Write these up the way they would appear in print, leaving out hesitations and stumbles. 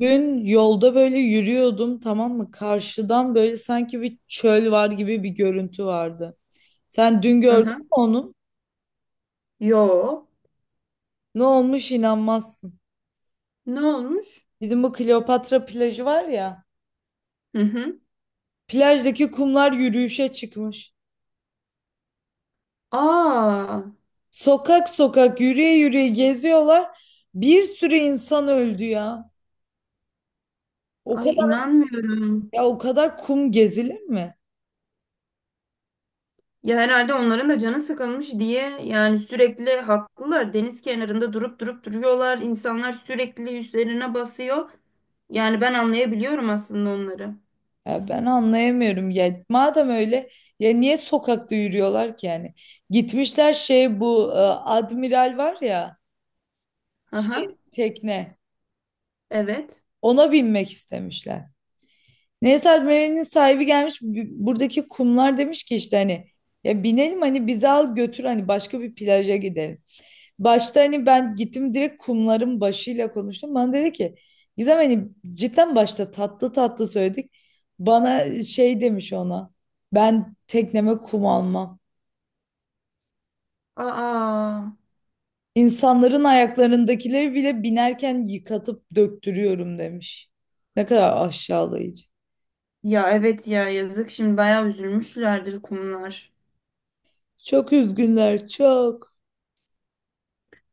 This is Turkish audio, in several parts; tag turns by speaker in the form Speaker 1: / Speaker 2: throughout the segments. Speaker 1: Gün yolda böyle yürüyordum, tamam mı? Karşıdan böyle sanki bir çöl var gibi bir görüntü vardı. Sen dün gördün
Speaker 2: Aha.
Speaker 1: mü onu?
Speaker 2: Yo.
Speaker 1: Ne olmuş, inanmazsın.
Speaker 2: Ne olmuş?
Speaker 1: Bizim bu Kleopatra plajı var ya.
Speaker 2: Hı hı.
Speaker 1: Plajdaki kumlar yürüyüşe çıkmış.
Speaker 2: Aa.
Speaker 1: Sokak sokak yürüye yürüye geziyorlar. Bir sürü insan öldü ya. O
Speaker 2: Ay
Speaker 1: kadar
Speaker 2: inanmıyorum.
Speaker 1: Ya o kadar kum gezilir mi?
Speaker 2: Ya herhalde onların da canı sıkılmış diye yani sürekli haklılar. Deniz kenarında durup duruyorlar. İnsanlar sürekli üstlerine basıyor. Yani ben anlayabiliyorum aslında onları.
Speaker 1: Ya ben anlayamıyorum ya, madem öyle ya niye sokakta yürüyorlar ki yani. Gitmişler şey, bu admiral var ya,
Speaker 2: Aha.
Speaker 1: şey tekne,
Speaker 2: Evet.
Speaker 1: ona binmek istemişler. Neyse admiralin sahibi gelmiş, buradaki kumlar demiş ki, işte hani ya binelim, hani bizi al götür, hani başka bir plaja gidelim. Başta hani ben gittim, direkt kumların başıyla konuştum. Bana dedi ki Gizem, hani cidden başta tatlı tatlı söyledik. Bana şey demiş ona. Ben tekneme kum almam.
Speaker 2: Aa.
Speaker 1: İnsanların ayaklarındakileri bile binerken yıkatıp döktürüyorum, demiş. Ne kadar aşağılayıcı.
Speaker 2: Ya evet ya yazık şimdi bayağı üzülmüşlerdir kumlar.
Speaker 1: Çok üzgünler, çok.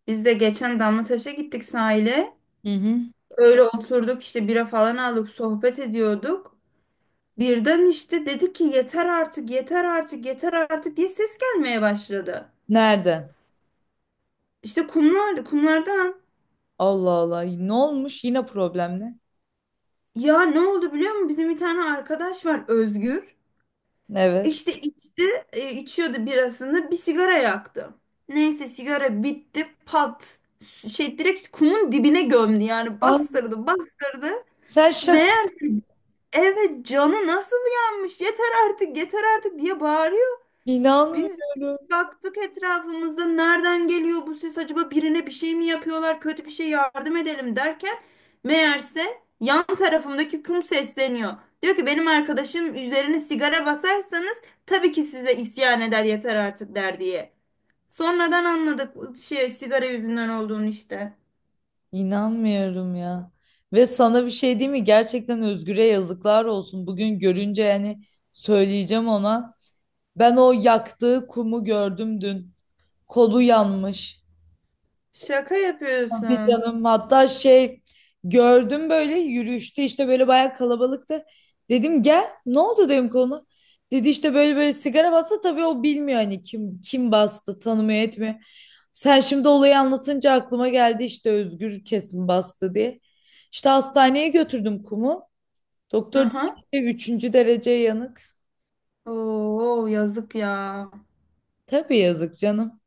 Speaker 2: Biz de geçen Damlataş'a gittik sahile.
Speaker 1: Hı hı.
Speaker 2: Öyle oturduk işte bira falan aldık sohbet ediyorduk. Birden işte dedi ki yeter artık, yeter artık, yeter artık diye ses gelmeye başladı.
Speaker 1: Nereden?
Speaker 2: İşte kumlar, kumlardan,
Speaker 1: Allah Allah. Ne olmuş? Yine problem ne?
Speaker 2: ya ne oldu biliyor musun? Bizim bir tane arkadaş var, Özgür.
Speaker 1: Evet.
Speaker 2: İşte içti, içiyordu birasını, bir sigara yaktı. Neyse sigara bitti pat. Şey direkt kumun dibine gömdü yani
Speaker 1: Ay,
Speaker 2: bastırdı bastırdı.
Speaker 1: sen şaka.
Speaker 2: Meğer evet canı nasıl yanmış, yeter artık yeter artık diye bağırıyor. Biz
Speaker 1: İnanmıyorum.
Speaker 2: baktık etrafımızda nereden geliyor bu ses, acaba birine bir şey mi yapıyorlar, kötü bir şey, yardım edelim derken meğerse yan tarafımdaki kum sesleniyor. Diyor ki benim arkadaşım üzerine sigara basarsanız tabii ki size isyan eder, yeter artık der diye. Sonradan anladık şey sigara yüzünden olduğunu işte.
Speaker 1: İnanmıyorum ya. Ve sana bir şey değil mi? Gerçekten Özgür'e yazıklar olsun. Bugün görünce yani söyleyeceğim ona. Ben o yaktığı kumu gördüm dün. Kolu yanmış.
Speaker 2: Şaka
Speaker 1: Tabii
Speaker 2: yapıyorsun.
Speaker 1: canım, hatta şey, gördüm böyle yürüyüşte, işte böyle bayağı kalabalıktı. Dedim gel, ne oldu dedim, konu. Dedi işte böyle böyle sigara bastı, tabii o bilmiyor, hani kim kim bastı, tanımıyor etmiyor. Sen şimdi olayı anlatınca aklıma geldi, işte Özgür kesin bastı diye. İşte hastaneye götürdüm kumu. Doktor
Speaker 2: Aha.
Speaker 1: dedi ki, üçüncü derece yanık.
Speaker 2: Oo yazık ya.
Speaker 1: Tabii yazık canım.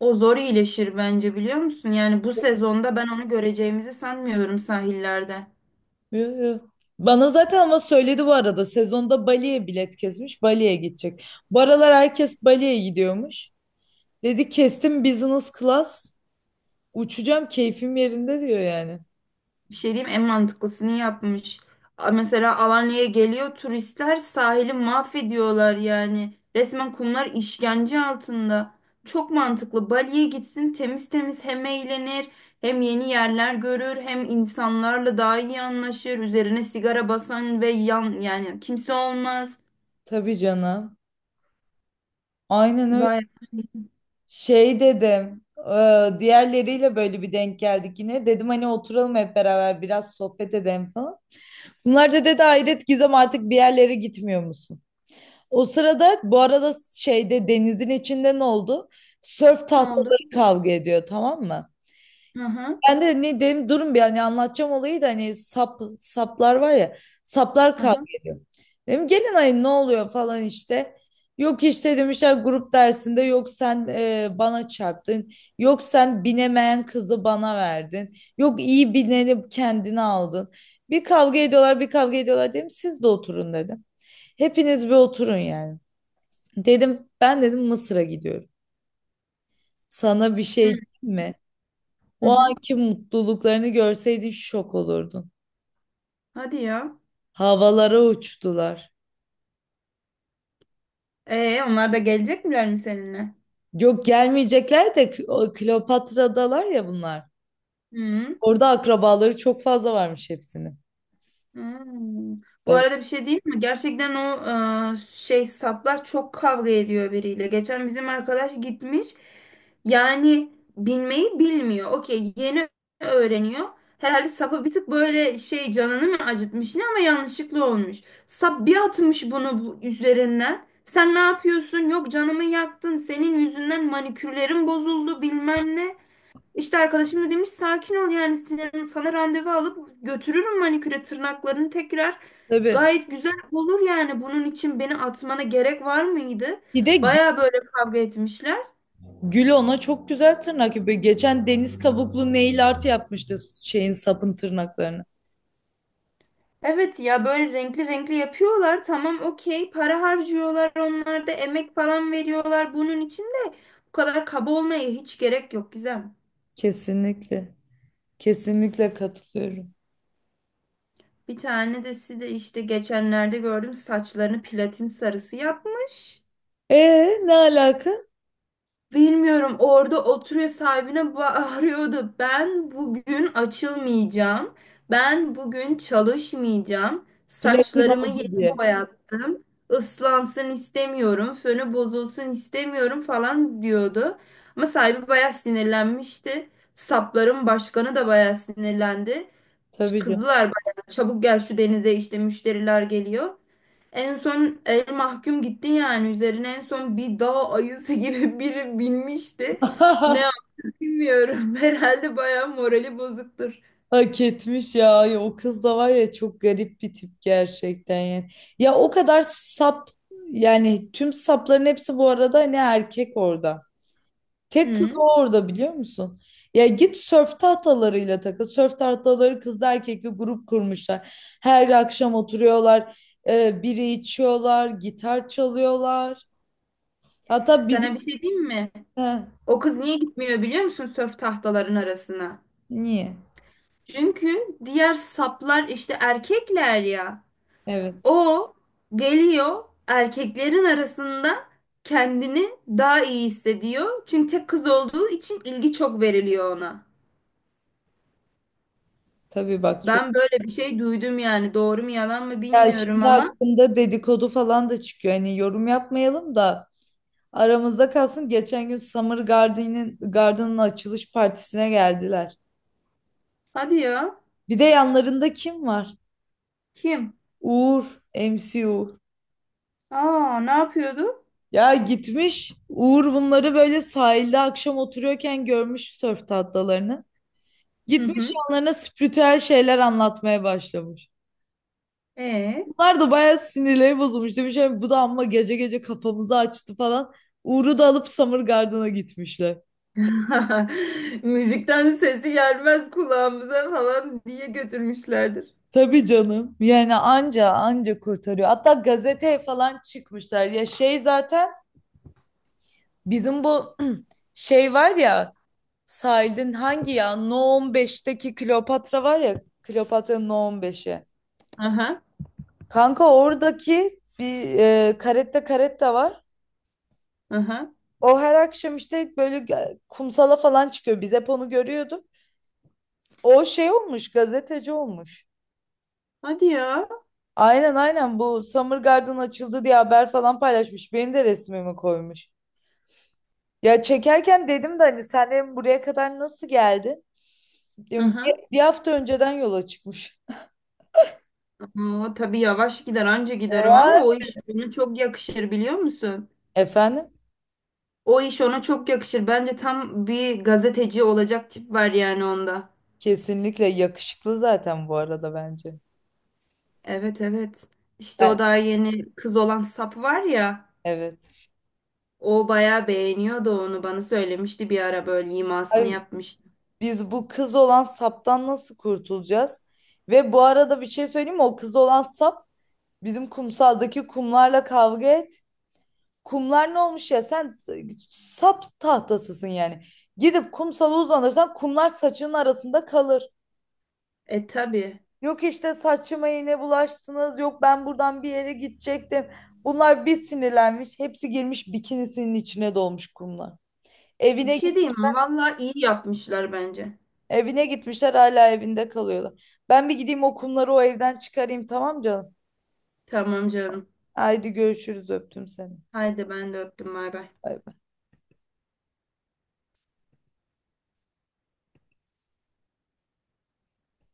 Speaker 2: O zor iyileşir bence, biliyor musun? Yani bu sezonda ben onu göreceğimizi sanmıyorum sahillerde.
Speaker 1: Yo, yo. Bana zaten ama söyledi bu arada, sezonda Bali'ye bilet kesmiş, Bali'ye gidecek. Bu aralar herkes Bali'ye gidiyormuş. Dedi kestim, business class uçacağım, keyfim yerinde diyor yani.
Speaker 2: Bir şey diyeyim, en mantıklısını yapmış. Mesela Alanya'ya geliyor turistler, sahili mahvediyorlar yani. Resmen kumlar işkence altında. Çok mantıklı. Bali'ye gitsin temiz temiz, hem eğlenir hem yeni yerler görür hem insanlarla daha iyi anlaşır. Üzerine sigara basan ve yan yani kimse olmaz.
Speaker 1: Tabii canım. Aynen öyle.
Speaker 2: Vay,
Speaker 1: Şey dedim, diğerleriyle böyle bir denk geldik yine. Dedim hani oturalım hep beraber biraz sohbet edelim falan. Bunlar da dedi hayret Gizem, artık bir yerlere gitmiyor musun? O sırada bu arada şeyde, denizin içinde ne oldu? Sörf
Speaker 2: ne oldu?
Speaker 1: tahtaları kavga ediyor, tamam mı?
Speaker 2: Hı hı.
Speaker 1: Ben de ne dedim, durun bir hani anlatacağım olayı da, hani saplar var ya, saplar
Speaker 2: Hı
Speaker 1: kavga
Speaker 2: hı.
Speaker 1: ediyor. Dedim gelin, ayın ne oluyor falan işte. Yok işte demişler grup dersinde, yok sen bana çarptın. Yok sen binemeyen kızı bana verdin. Yok iyi bineni kendine aldın. Bir kavga ediyorlar, bir kavga ediyorlar, dedim siz de oturun dedim. Hepiniz bir oturun yani. Dedim, ben dedim Mısır'a gidiyorum. Sana bir şey diyeyim mi?
Speaker 2: Hı
Speaker 1: O
Speaker 2: hı.
Speaker 1: anki mutluluklarını görseydin şok olurdun.
Speaker 2: Hadi ya.
Speaker 1: Havalara uçtular.
Speaker 2: Onlar da gelecek miler mi seninle?
Speaker 1: Yok gelmeyecekler de, o Kleopatra'dalar ya bunlar.
Speaker 2: Hı.
Speaker 1: Orada akrabaları çok fazla varmış hepsinin.
Speaker 2: Hmm. Bu
Speaker 1: Evet,
Speaker 2: arada bir şey değil mi? Gerçekten o şey saplar çok kavga ediyor biriyle. Geçen bizim arkadaş gitmiş. Yani binmeyi bilmiyor. Okey, yeni öğreniyor. Herhalde sapı bir tık böyle şey canını mı acıtmış ne, ama yanlışlıkla olmuş. Sap bir atmış bunu bu üzerinden. Sen ne yapıyorsun? Yok canımı yaktın. Senin yüzünden manikürlerim bozuldu bilmem ne. İşte arkadaşım da demiş sakin ol yani senin, sana randevu alıp götürürüm maniküre, tırnaklarını tekrar
Speaker 1: tabii.
Speaker 2: gayet güzel olur yani, bunun için beni atmana gerek var mıydı?
Speaker 1: Bir de
Speaker 2: Baya böyle kavga etmişler.
Speaker 1: Gül ona çok güzel tırnak yapıyor. Geçen deniz kabuklu nail art yapmıştı şeyin, sapın tırnaklarını.
Speaker 2: Evet ya böyle renkli renkli yapıyorlar, tamam okey para harcıyorlar, onlar da emek falan veriyorlar, bunun için de bu kadar kaba olmaya hiç gerek yok Gizem.
Speaker 1: Kesinlikle. Kesinlikle katılıyorum.
Speaker 2: Bir tanesi de işte geçenlerde gördüm saçlarını platin sarısı yapmış.
Speaker 1: E, ne alaka?
Speaker 2: Bilmiyorum orada oturuyor sahibine bağırıyordu. Ben bugün açılmayacağım. Ben bugün çalışmayacağım.
Speaker 1: Platin
Speaker 2: Saçlarımı
Speaker 1: oldu
Speaker 2: yeni
Speaker 1: diye.
Speaker 2: boyattım. Islansın istemiyorum. Fönü bozulsun istemiyorum falan diyordu. Ama sahibi bayağı sinirlenmişti. Sapların başkanı da bayağı sinirlendi.
Speaker 1: Tabii canım.
Speaker 2: Kızlar bayağı çabuk gel şu denize, işte müşteriler geliyor. En son el mahkum gitti yani, üzerine en son bir dağ ayısı gibi biri binmişti. Ne yap- bilmiyorum. Herhalde bayağı morali bozuktur.
Speaker 1: Hak etmiş ya. Ya o kız da var ya, çok garip bir tip gerçekten yani. Ya o kadar sap, yani tüm sapların hepsi bu arada hani erkek orada. Tek kız
Speaker 2: Hı.
Speaker 1: o orada, biliyor musun? Ya git sörf tahtalarıyla takıl. Sörf tahtaları kızla erkekli grup kurmuşlar. Her akşam oturuyorlar. Biri içiyorlar. Gitar çalıyorlar. Hatta
Speaker 2: Sana
Speaker 1: bizim...
Speaker 2: bir şey diyeyim mi?
Speaker 1: Heh,
Speaker 2: O kız niye gitmiyor biliyor musun sörf tahtaların arasına?
Speaker 1: niye?
Speaker 2: Çünkü diğer saplar işte erkekler ya.
Speaker 1: Evet.
Speaker 2: O geliyor erkeklerin arasında kendini daha iyi hissediyor. Çünkü tek kız olduğu için ilgi çok veriliyor ona.
Speaker 1: Tabii bak, çok.
Speaker 2: Ben böyle bir şey duydum yani. Doğru mu yalan mı
Speaker 1: Ya
Speaker 2: bilmiyorum
Speaker 1: şimdi
Speaker 2: ama.
Speaker 1: hakkında dedikodu falan da çıkıyor. Hani yorum yapmayalım da, aramızda kalsın. Geçen gün Summer Garden'in Garden'ın açılış partisine geldiler.
Speaker 2: Hadi ya.
Speaker 1: Bir de yanlarında kim var?
Speaker 2: Kim?
Speaker 1: Uğur, MC Uğur.
Speaker 2: Aa, ne yapıyordu?
Speaker 1: Ya gitmiş Uğur, bunları böyle sahilde akşam oturuyorken görmüş sörf tahtalarını.
Speaker 2: Hı
Speaker 1: Gitmiş
Speaker 2: hı.
Speaker 1: yanlarına spiritüel şeyler anlatmaya başlamış.
Speaker 2: E.
Speaker 1: Bunlar da bayağı sinirleri bozulmuş. Demiş "Ay, bu da amma gece gece kafamızı açtı falan." Uğur'u da alıp Summer Garden'a gitmişler.
Speaker 2: Müzikten sesi gelmez kulağımıza falan diye götürmüşlerdir.
Speaker 1: Tabii canım. Yani anca anca kurtarıyor. Hatta gazeteye falan çıkmışlar. Ya şey zaten bizim bu şey var ya, sahilin hangi, ya No 15'teki Kleopatra var ya, Kleopatra'nın No 15'i.
Speaker 2: Aha,
Speaker 1: Kanka oradaki bir karetta karetta var.
Speaker 2: aha.
Speaker 1: O her akşam işte böyle, kumsala falan çıkıyor. Biz hep onu görüyorduk. O şey olmuş, gazeteci olmuş.
Speaker 2: Hadi ya.
Speaker 1: Aynen aynen, bu Summer Garden açıldı diye haber falan paylaşmış. Benim de resmimi koymuş. Ya çekerken dedim de, hani sen hem buraya kadar nasıl geldin? Diyorum,
Speaker 2: Aha.
Speaker 1: Bir hafta önceden yola çıkmış.
Speaker 2: O tabii yavaş gider, anca gider o,
Speaker 1: Ya.
Speaker 2: ama o iş ona çok yakışır biliyor musun?
Speaker 1: Efendim?
Speaker 2: O iş ona çok yakışır. Bence tam bir gazeteci olacak tip var yani onda.
Speaker 1: Kesinlikle yakışıklı zaten bu arada bence.
Speaker 2: Evet evet. İşte
Speaker 1: ben-
Speaker 2: o daha yeni kız olan sap var ya.
Speaker 1: Evet.
Speaker 2: O bayağı beğeniyordu onu, bana söylemişti bir ara böyle imasını
Speaker 1: Ay,
Speaker 2: yapmıştı.
Speaker 1: biz bu kız olan saptan nasıl kurtulacağız? Ve bu arada bir şey söyleyeyim mi? O kız olan sap bizim kumsaldaki kumlarla kavga et. Kumlar ne olmuş ya? Sen sap tahtasısın yani. Gidip kumsala uzanırsan kumlar saçının arasında kalır.
Speaker 2: E tabii.
Speaker 1: Yok işte saçıma iğne bulaştınız. Yok ben buradan bir yere gidecektim. Bunlar bir sinirlenmiş. Hepsi girmiş, bikinisinin içine dolmuş kumlar.
Speaker 2: Bir
Speaker 1: Evine
Speaker 2: şey
Speaker 1: git-
Speaker 2: diyeyim mi? Vallahi iyi yapmışlar bence.
Speaker 1: Evine gitmişler, hala evinde kalıyorlar. Ben bir gideyim, o kumları o evden çıkarayım, tamam canım.
Speaker 2: Tamam canım.
Speaker 1: Haydi görüşürüz, öptüm seni.
Speaker 2: Haydi ben de öptüm. Bay bay.
Speaker 1: Bay bay.